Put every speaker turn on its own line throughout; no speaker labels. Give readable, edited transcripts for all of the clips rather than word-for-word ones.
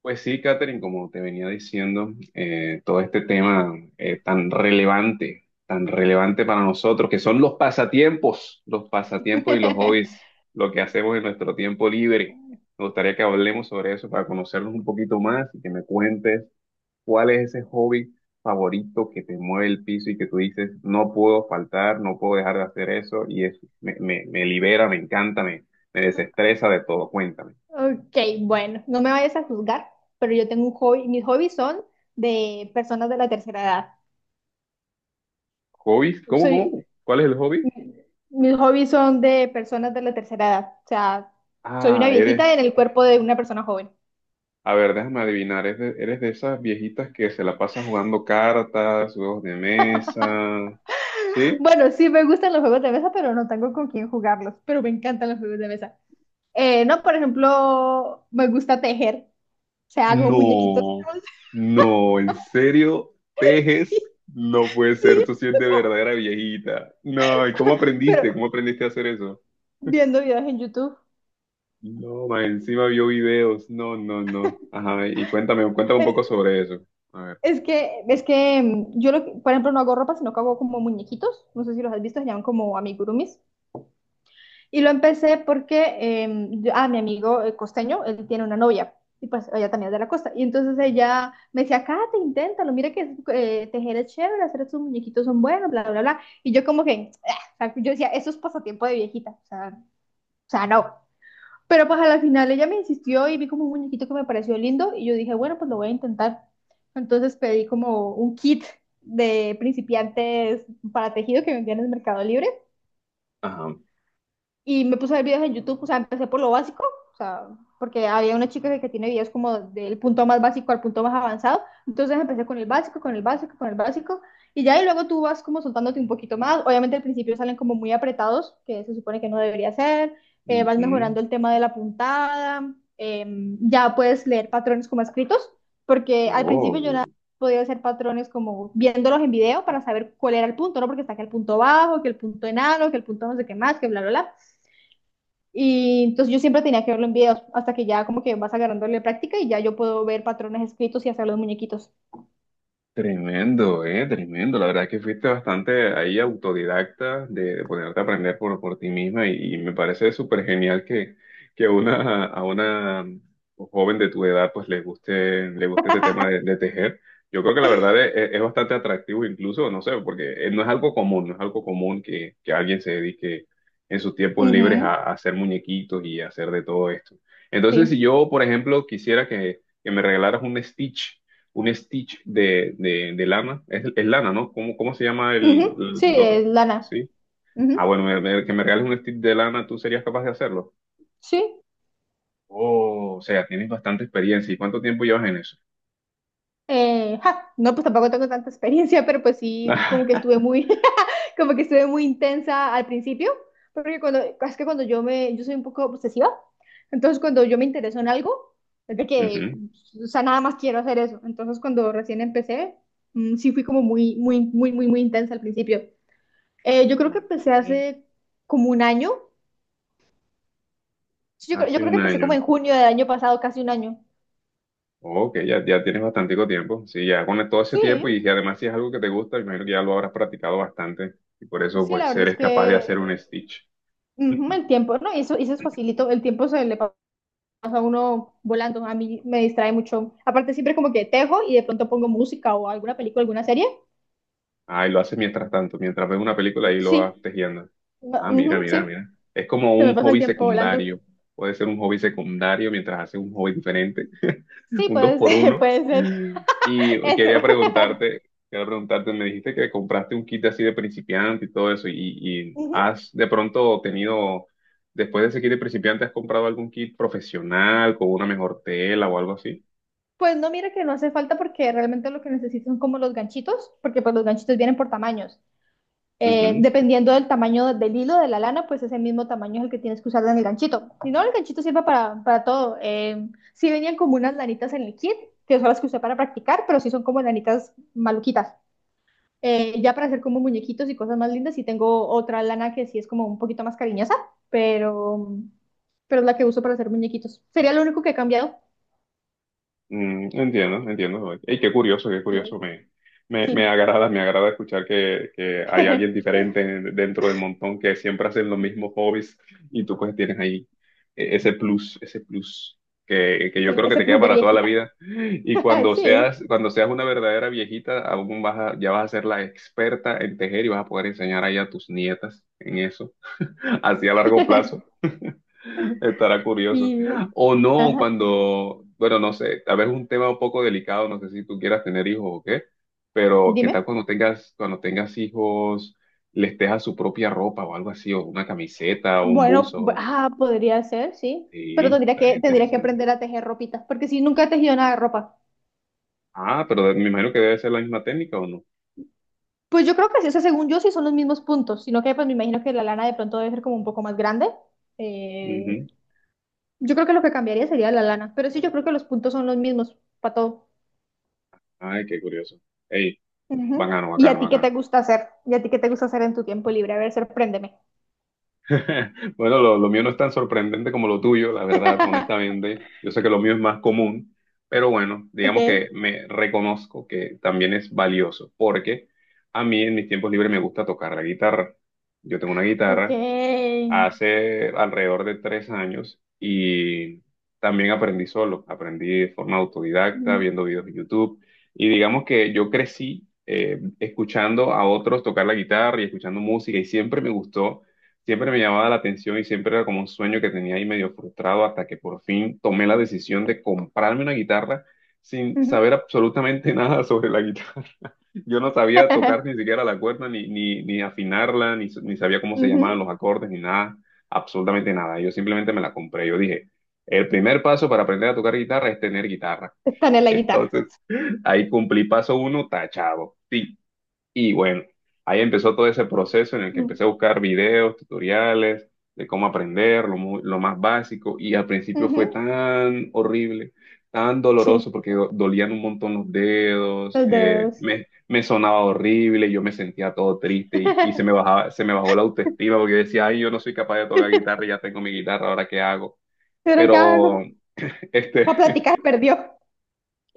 Pues sí, Catherine, como te venía diciendo, todo este tema tan relevante para nosotros, que son los pasatiempos y los hobbies, lo que hacemos en nuestro tiempo libre. Me gustaría que hablemos sobre eso para conocernos un poquito más y que me cuentes cuál es ese hobby favorito que te mueve el piso y que tú dices, no puedo faltar, no puedo dejar de hacer eso y es, me libera, me encanta, me desestresa de todo. Cuéntame.
Ok, bueno, no me vayas a juzgar, pero yo tengo un hobby, mis hobbies son de personas de la tercera edad.
¿Hobbies? ¿Cómo,
Soy,
cómo? ¿Cuál es el hobby?
mi- Mis hobbies son de personas de la tercera edad, o sea, soy una
Ah,
viejita en
eres.
el cuerpo de una persona joven.
A ver, déjame adivinar. Eres de esas viejitas que se la pasan jugando cartas, juegos de mesa? ¿Sí?
Bueno, sí me gustan los juegos de mesa, pero no tengo con quién jugarlos, pero me encantan los juegos de mesa. No, por ejemplo, me gusta tejer, o sea, hago muñequitos.
No, no, ¿en serio? ¿Tejes? No puede
Sí,
ser, tú sí eres de verdadera viejita. No, ¿y cómo aprendiste? ¿Cómo
pero
aprendiste a hacer eso?
viendo videos en YouTube.
No, ma, encima vio videos. No, no, no. Ajá, y cuéntame, cuéntame un poco
Eh,
sobre eso. A ver.
Es que mm, yo, lo Por ejemplo, no hago ropa, sino que hago como muñequitos. No sé si los has visto, se llaman como amigurumis. Y lo empecé porque mi amigo costeño, él tiene una novia. Y pues ella también es de la costa. Y entonces ella me decía, Kate, inténtalo, mira que tejer es chévere, hacer estos muñequitos son buenos, bla, bla, bla. Y yo como que, "Ah", o sea, yo decía, eso es pasatiempo de viejita. O sea, no. Pero pues a la final ella me insistió y vi como un muñequito que me pareció lindo y yo dije, bueno, pues lo voy a intentar. Entonces pedí como un kit de principiantes para tejido que vendían en el Mercado Libre
Ajá.
y me puse a ver videos en YouTube, o sea, empecé por lo básico, o sea, porque había una chica que tiene videos como del punto más básico al punto más avanzado, entonces empecé con el básico, con el básico, con el básico, y ya y luego tú vas como soltándote un poquito más, obviamente al principio salen como muy apretados, que se supone que no debería ser, vas
Ujú.
mejorando el tema de la puntada, ya puedes leer patrones como escritos, porque al principio yo nada
Oh.
podía hacer patrones como viéndolos en video para saber cuál era el punto, ¿no? Porque está que el punto bajo, que el punto enano, que el punto no sé qué más, que bla, bla, bla. Y entonces yo siempre tenía que verlo en videos hasta que ya como que vas agarrándole práctica y ya yo puedo ver patrones escritos y hacer los muñequitos.
Tremendo, tremendo. La verdad es que fuiste bastante ahí autodidacta de ponerte a aprender por ti misma y me parece súper genial que una, a una joven de tu edad pues le guste este tema de, de tejer. Yo creo que la verdad es bastante atractivo incluso, no sé, porque no es algo común, no es algo común que alguien se dedique en sus tiempos libres a,
Ujú,
a hacer muñequitos y a hacer de todo esto. Entonces,
sí.
si yo, por ejemplo, quisiera que me regalaras un Stitch de lana. Es lana, ¿no? ¿Cómo, cómo se llama el,
Ujú, sí,
lo que-
es lana.
sí? Ah,
Ujú,
bueno, que me regales un Stitch de lana, ¿tú serías capaz de hacerlo?
sí.
Oh, o sea, tienes bastante experiencia. ¿Y cuánto tiempo llevas en eso?
No, pues tampoco tengo tanta experiencia, pero pues sí, como que estuve muy, como que estuve muy intensa al principio, porque cuando, es que cuando yo me, yo soy un poco obsesiva, entonces cuando yo me intereso en algo, es de que,
Ujú.
o sea, nada más quiero hacer eso. Entonces cuando recién empecé, sí fui como muy, muy, muy, muy, muy intensa al principio. Yo creo que
Ujú.
empecé hace como un año. Sí, yo
Hace
creo que
un
empecé como
año.
en junio del año pasado, casi un año.
Ok, ya, ya tienes bastante tiempo. Sí, ya con todo ese tiempo
Sí,
y si además si es algo que te gusta, imagino que ya lo habrás practicado bastante y por eso
sí, la
pues
verdad es
eres capaz de
que
hacer un Stitch.
ujú. El tiempo, ¿no? Y eso es facilito. El tiempo se le pa- Pasa a uno volando. A mí me distrae mucho. Aparte, siempre como que tejo y de pronto pongo música o alguna película, alguna serie.
Ah, y lo haces mientras tanto, mientras ves una película y lo vas
Sí,
tejiendo. Ah, mira,
ujú,
mira,
sí,
mira. Es como
se me
un
pasa el
hobby
tiempo volando.
secundario. Puede ser un hobby secundario mientras haces un hobby diferente,
Sí,
un dos
puede
por
ser,
uno.
puede ser.
Y
Eso.
quería preguntarte, me dijiste que compraste un kit así de principiante y todo eso, y
Ujú.
has de pronto tenido, después de ese kit de principiante, ¿has comprado algún kit profesional con una mejor tela o algo así?
Pues no, mira que no hace falta porque realmente lo que necesito son como los ganchitos, porque pues los ganchitos vienen por tamaños. Dependiendo del tamaño del hilo de la lana, pues ese mismo tamaño es el que tienes que usar en el ganchito. Si no, el ganchito sirve para todo. Sí venían como unas lanitas en el kit, que son las que usé para practicar, pero sí son como lanitas maluquitas. Ya para hacer como muñequitos y cosas más lindas, sí tengo otra lana que sí es como un poquito más cariñosa, pero, pero es la que uso para hacer muñequitos. Sería lo único que he cambiado.
Mm, entiendo, entiendo. Y qué curioso, qué curioso.
Sí. Sí.
Me agrada escuchar que hay alguien diferente en- dentro del montón que siempre hacen los mismos hobbies y tú pues tienes ahí ese plus que yo
Ese,
creo que
ese
te queda
plus de
para toda la
viejita.
vida. Y
Sí.
cuando seas una verdadera viejita, aún vas a- ya vas a ser la experta en tejer y vas a poder enseñar ahí a tus nietas en eso, así a largo plazo. Estará curioso.
Y,
O no,
ajá.
cuando, bueno, no sé, tal vez un tema un poco delicado, no sé si tú quieras tener hijos o qué, pero qué tal
Dime.
cuando tengas hijos, les dejas su propia ropa o algo así, o una camiseta o un
Bueno,
buzo.
podría ser, sí. Pero
Sí, estaría
tendría que
interesante.
aprender a tejer ropitas, porque si nunca he tejido nada de ropa.
Ah, pero me imagino que debe ser la misma técnica o no.
Pues yo creo que sí, o sea, según yo sí son los mismos puntos, sino que pues me imagino que la lana de pronto debe ser como un poco más grande. Eh,
Ujú.
yo creo que lo que cambiaría sería la lana, pero sí, yo creo que los puntos son los mismos para todo.
Ay, qué curioso. Ey,
Ujú.
bacano,
¿Y a
bacano,
ti qué te
bacano.
gusta hacer? ¿Y a ti qué te gusta hacer en tu tiempo libre? A ver, sorpréndeme.
Bueno, lo mío no es tan sorprendente como lo tuyo, la verdad, honestamente. Yo sé que lo mío es más común, pero bueno, digamos que
Ok,
me reconozco que también es valioso, porque a mí en mis tiempos libres me gusta tocar la guitarra. Yo tengo una
ok.
guitarra hace alrededor de 3 años y también aprendí solo, aprendí de forma autodidacta,
Mm,
viendo videos de YouTube y digamos que yo crecí escuchando a otros tocar la guitarra y escuchando música y siempre me gustó, siempre me llamaba la atención y siempre era como un sueño que tenía ahí medio frustrado hasta que por fin tomé la decisión de comprarme una guitarra sin
ujú.
saber absolutamente nada sobre la guitarra. Yo no sabía tocar ni siquiera la cuerda, ni afinarla, ni sabía cómo se llamaban los
Ujú.
acordes, ni nada, absolutamente nada. Yo simplemente me la compré. Yo dije, el primer paso para aprender a tocar guitarra es tener guitarra.
Está en la guitarra.
Entonces, ahí cumplí paso uno, tachado. Y bueno, ahí empezó todo ese proceso en el que empecé
Mm,
a buscar videos, tutoriales de cómo aprender, lo más básico. Y al principio fue
ujú.
tan horrible, tan
Sí.
doloroso, porque dolían un montón los dedos,
Los dedos.
me sonaba horrible, yo me sentía todo triste y se me bajaba, se me bajó la autoestima porque decía, ay, yo no soy capaz de tocar guitarra, y ya tengo mi guitarra, ¿ahora qué hago?
¿Pero qué hago?
Pero este,
La plática se perdió.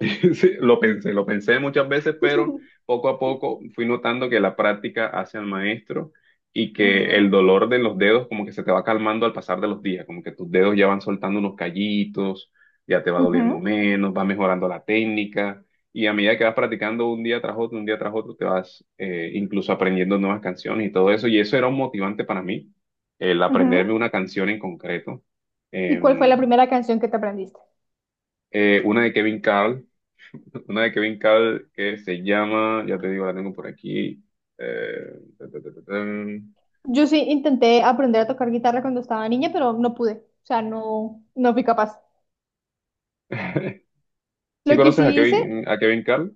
sí, lo pensé muchas veces, pero poco a poco fui notando que la práctica hace al maestro y que el
Ujú,
dolor de los dedos como que se te va calmando al pasar de los días, como que tus dedos ya van soltando unos callitos, ya te va doliendo
ujú,
menos, va mejorando la técnica y a medida que vas practicando un día tras otro, un día tras otro, te vas incluso aprendiendo nuevas canciones y todo eso y eso era un motivante para mí, el aprenderme
ujú.
una canción en concreto.
¿Y cuál fue la
Em,
primera canción que te aprendiste?
una de Kevin Carl, una de Kevin Cabl que se llama, ya te digo, la tengo por aquí. Ta, ta, ta, ta, tan.
Yo sí intenté aprender a tocar guitarra cuando estaba niña, pero no pude. O sea, no, no fui capaz.
¿Sí
Lo que
conoces
sí hice,
A Kevin Carl,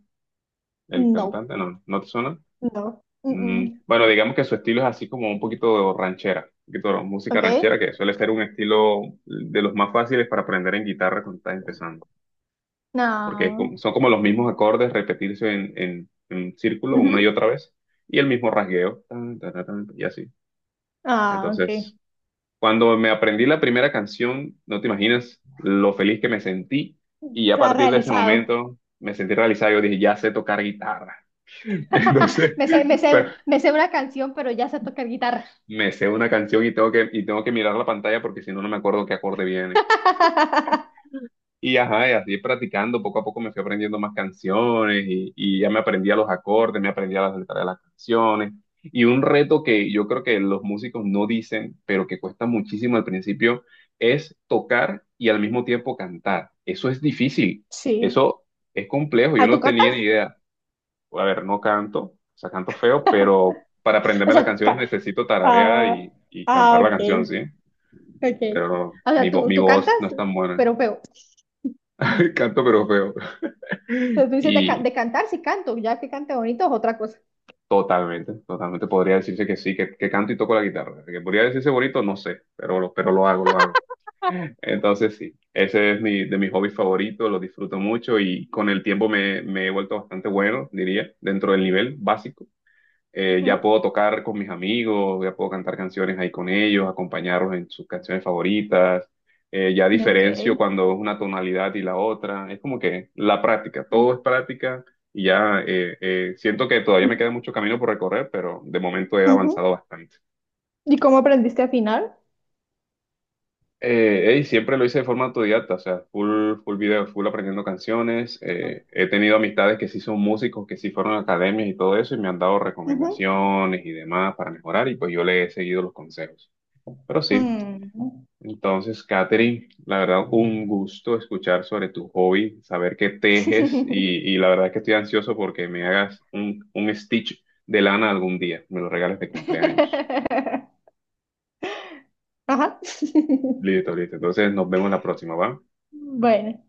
el
no,
cantante? No, ¿no te suena?
no. Mm,
Mm,
mm.
bueno, digamos que su estilo es así como un poquito ranchera, un poquito de música
¿Ok?
ranchera, que suele ser un estilo de los más fáciles para aprender en guitarra cuando estás empezando, porque es como-
No.
son como los mismos acordes repetirse en círculo una y
Ujú.
otra vez, y el mismo rasgueo, tan, tan, tan, tan, y así.
Ah, ok.
Entonces, cuando me aprendí la primera canción, no te imaginas lo feliz que me sentí. Y a
Está
partir de ese
realizado.
momento me sentí realizado. Yo dije, ya sé tocar guitarra. Entonces,
Me sé, me sé,
pero
me sé una canción, pero ya sé tocar guitarra.
me sé una canción y tengo que mirar la pantalla porque si no, no me acuerdo qué acorde viene. Y ajá, y así practicando, poco a poco me fui aprendiendo más canciones y ya me aprendía los acordes, me aprendía las letras de las canciones. Y un reto que yo creo que los músicos no dicen, pero que cuesta muchísimo al principio, es tocar y al mismo tiempo cantar. Eso es difícil,
Sí.
eso es complejo, yo
¿A tú
no tenía
cantas?
ni idea. A ver, no canto, o sea, canto feo, pero para
O
aprenderme las
sea,
canciones necesito tararear
ah,
y
ah,
cantar la
ok,
canción, ¿sí?
ok.
Pero
O sea, tú,
mi
tú
voz
cantas,
no es tan buena.
pero feo. O
Canto pero feo.
sea, tú dices de,
Y
de cantar, sí canto, ya que cante bonito es otra cosa.
totalmente, totalmente podría decirse que sí, que canto y toco la guitarra. Que podría decirse bonito, no sé, pero, pero lo hago, lo hago. Entonces sí, ese es mi, de mis hobbies favoritos, lo disfruto mucho y con el tiempo me he vuelto bastante bueno, diría, dentro del nivel básico. Ya
Ujú.
puedo tocar con mis amigos, ya puedo cantar canciones ahí con ellos, acompañarlos en sus canciones favoritas, ya diferencio
Ok.
cuando es una tonalidad y la otra, es como que la práctica,
Mm,
todo es práctica y ya siento que todavía me queda mucho camino por recorrer, pero de momento he
ujú.
avanzado bastante.
¿Y cómo aprendiste a afinar?
Siempre lo hice de forma autodidacta, o sea, full, full video, full aprendiendo canciones. He tenido amistades que sí son músicos, que sí fueron a academias y todo eso, y me han dado
Ujú.
recomendaciones y demás para mejorar, y pues yo le he seguido los consejos. Pero sí,
Mm.
entonces, Katherine, la verdad, un gusto escuchar sobre tu hobby, saber que tejes, y la verdad que estoy ansioso porque me hagas un stitch de lana algún día, me lo regales de cumpleaños.
Ajá.
Listo, listo. Entonces, nos vemos la próxima, ¿va?
Bueno.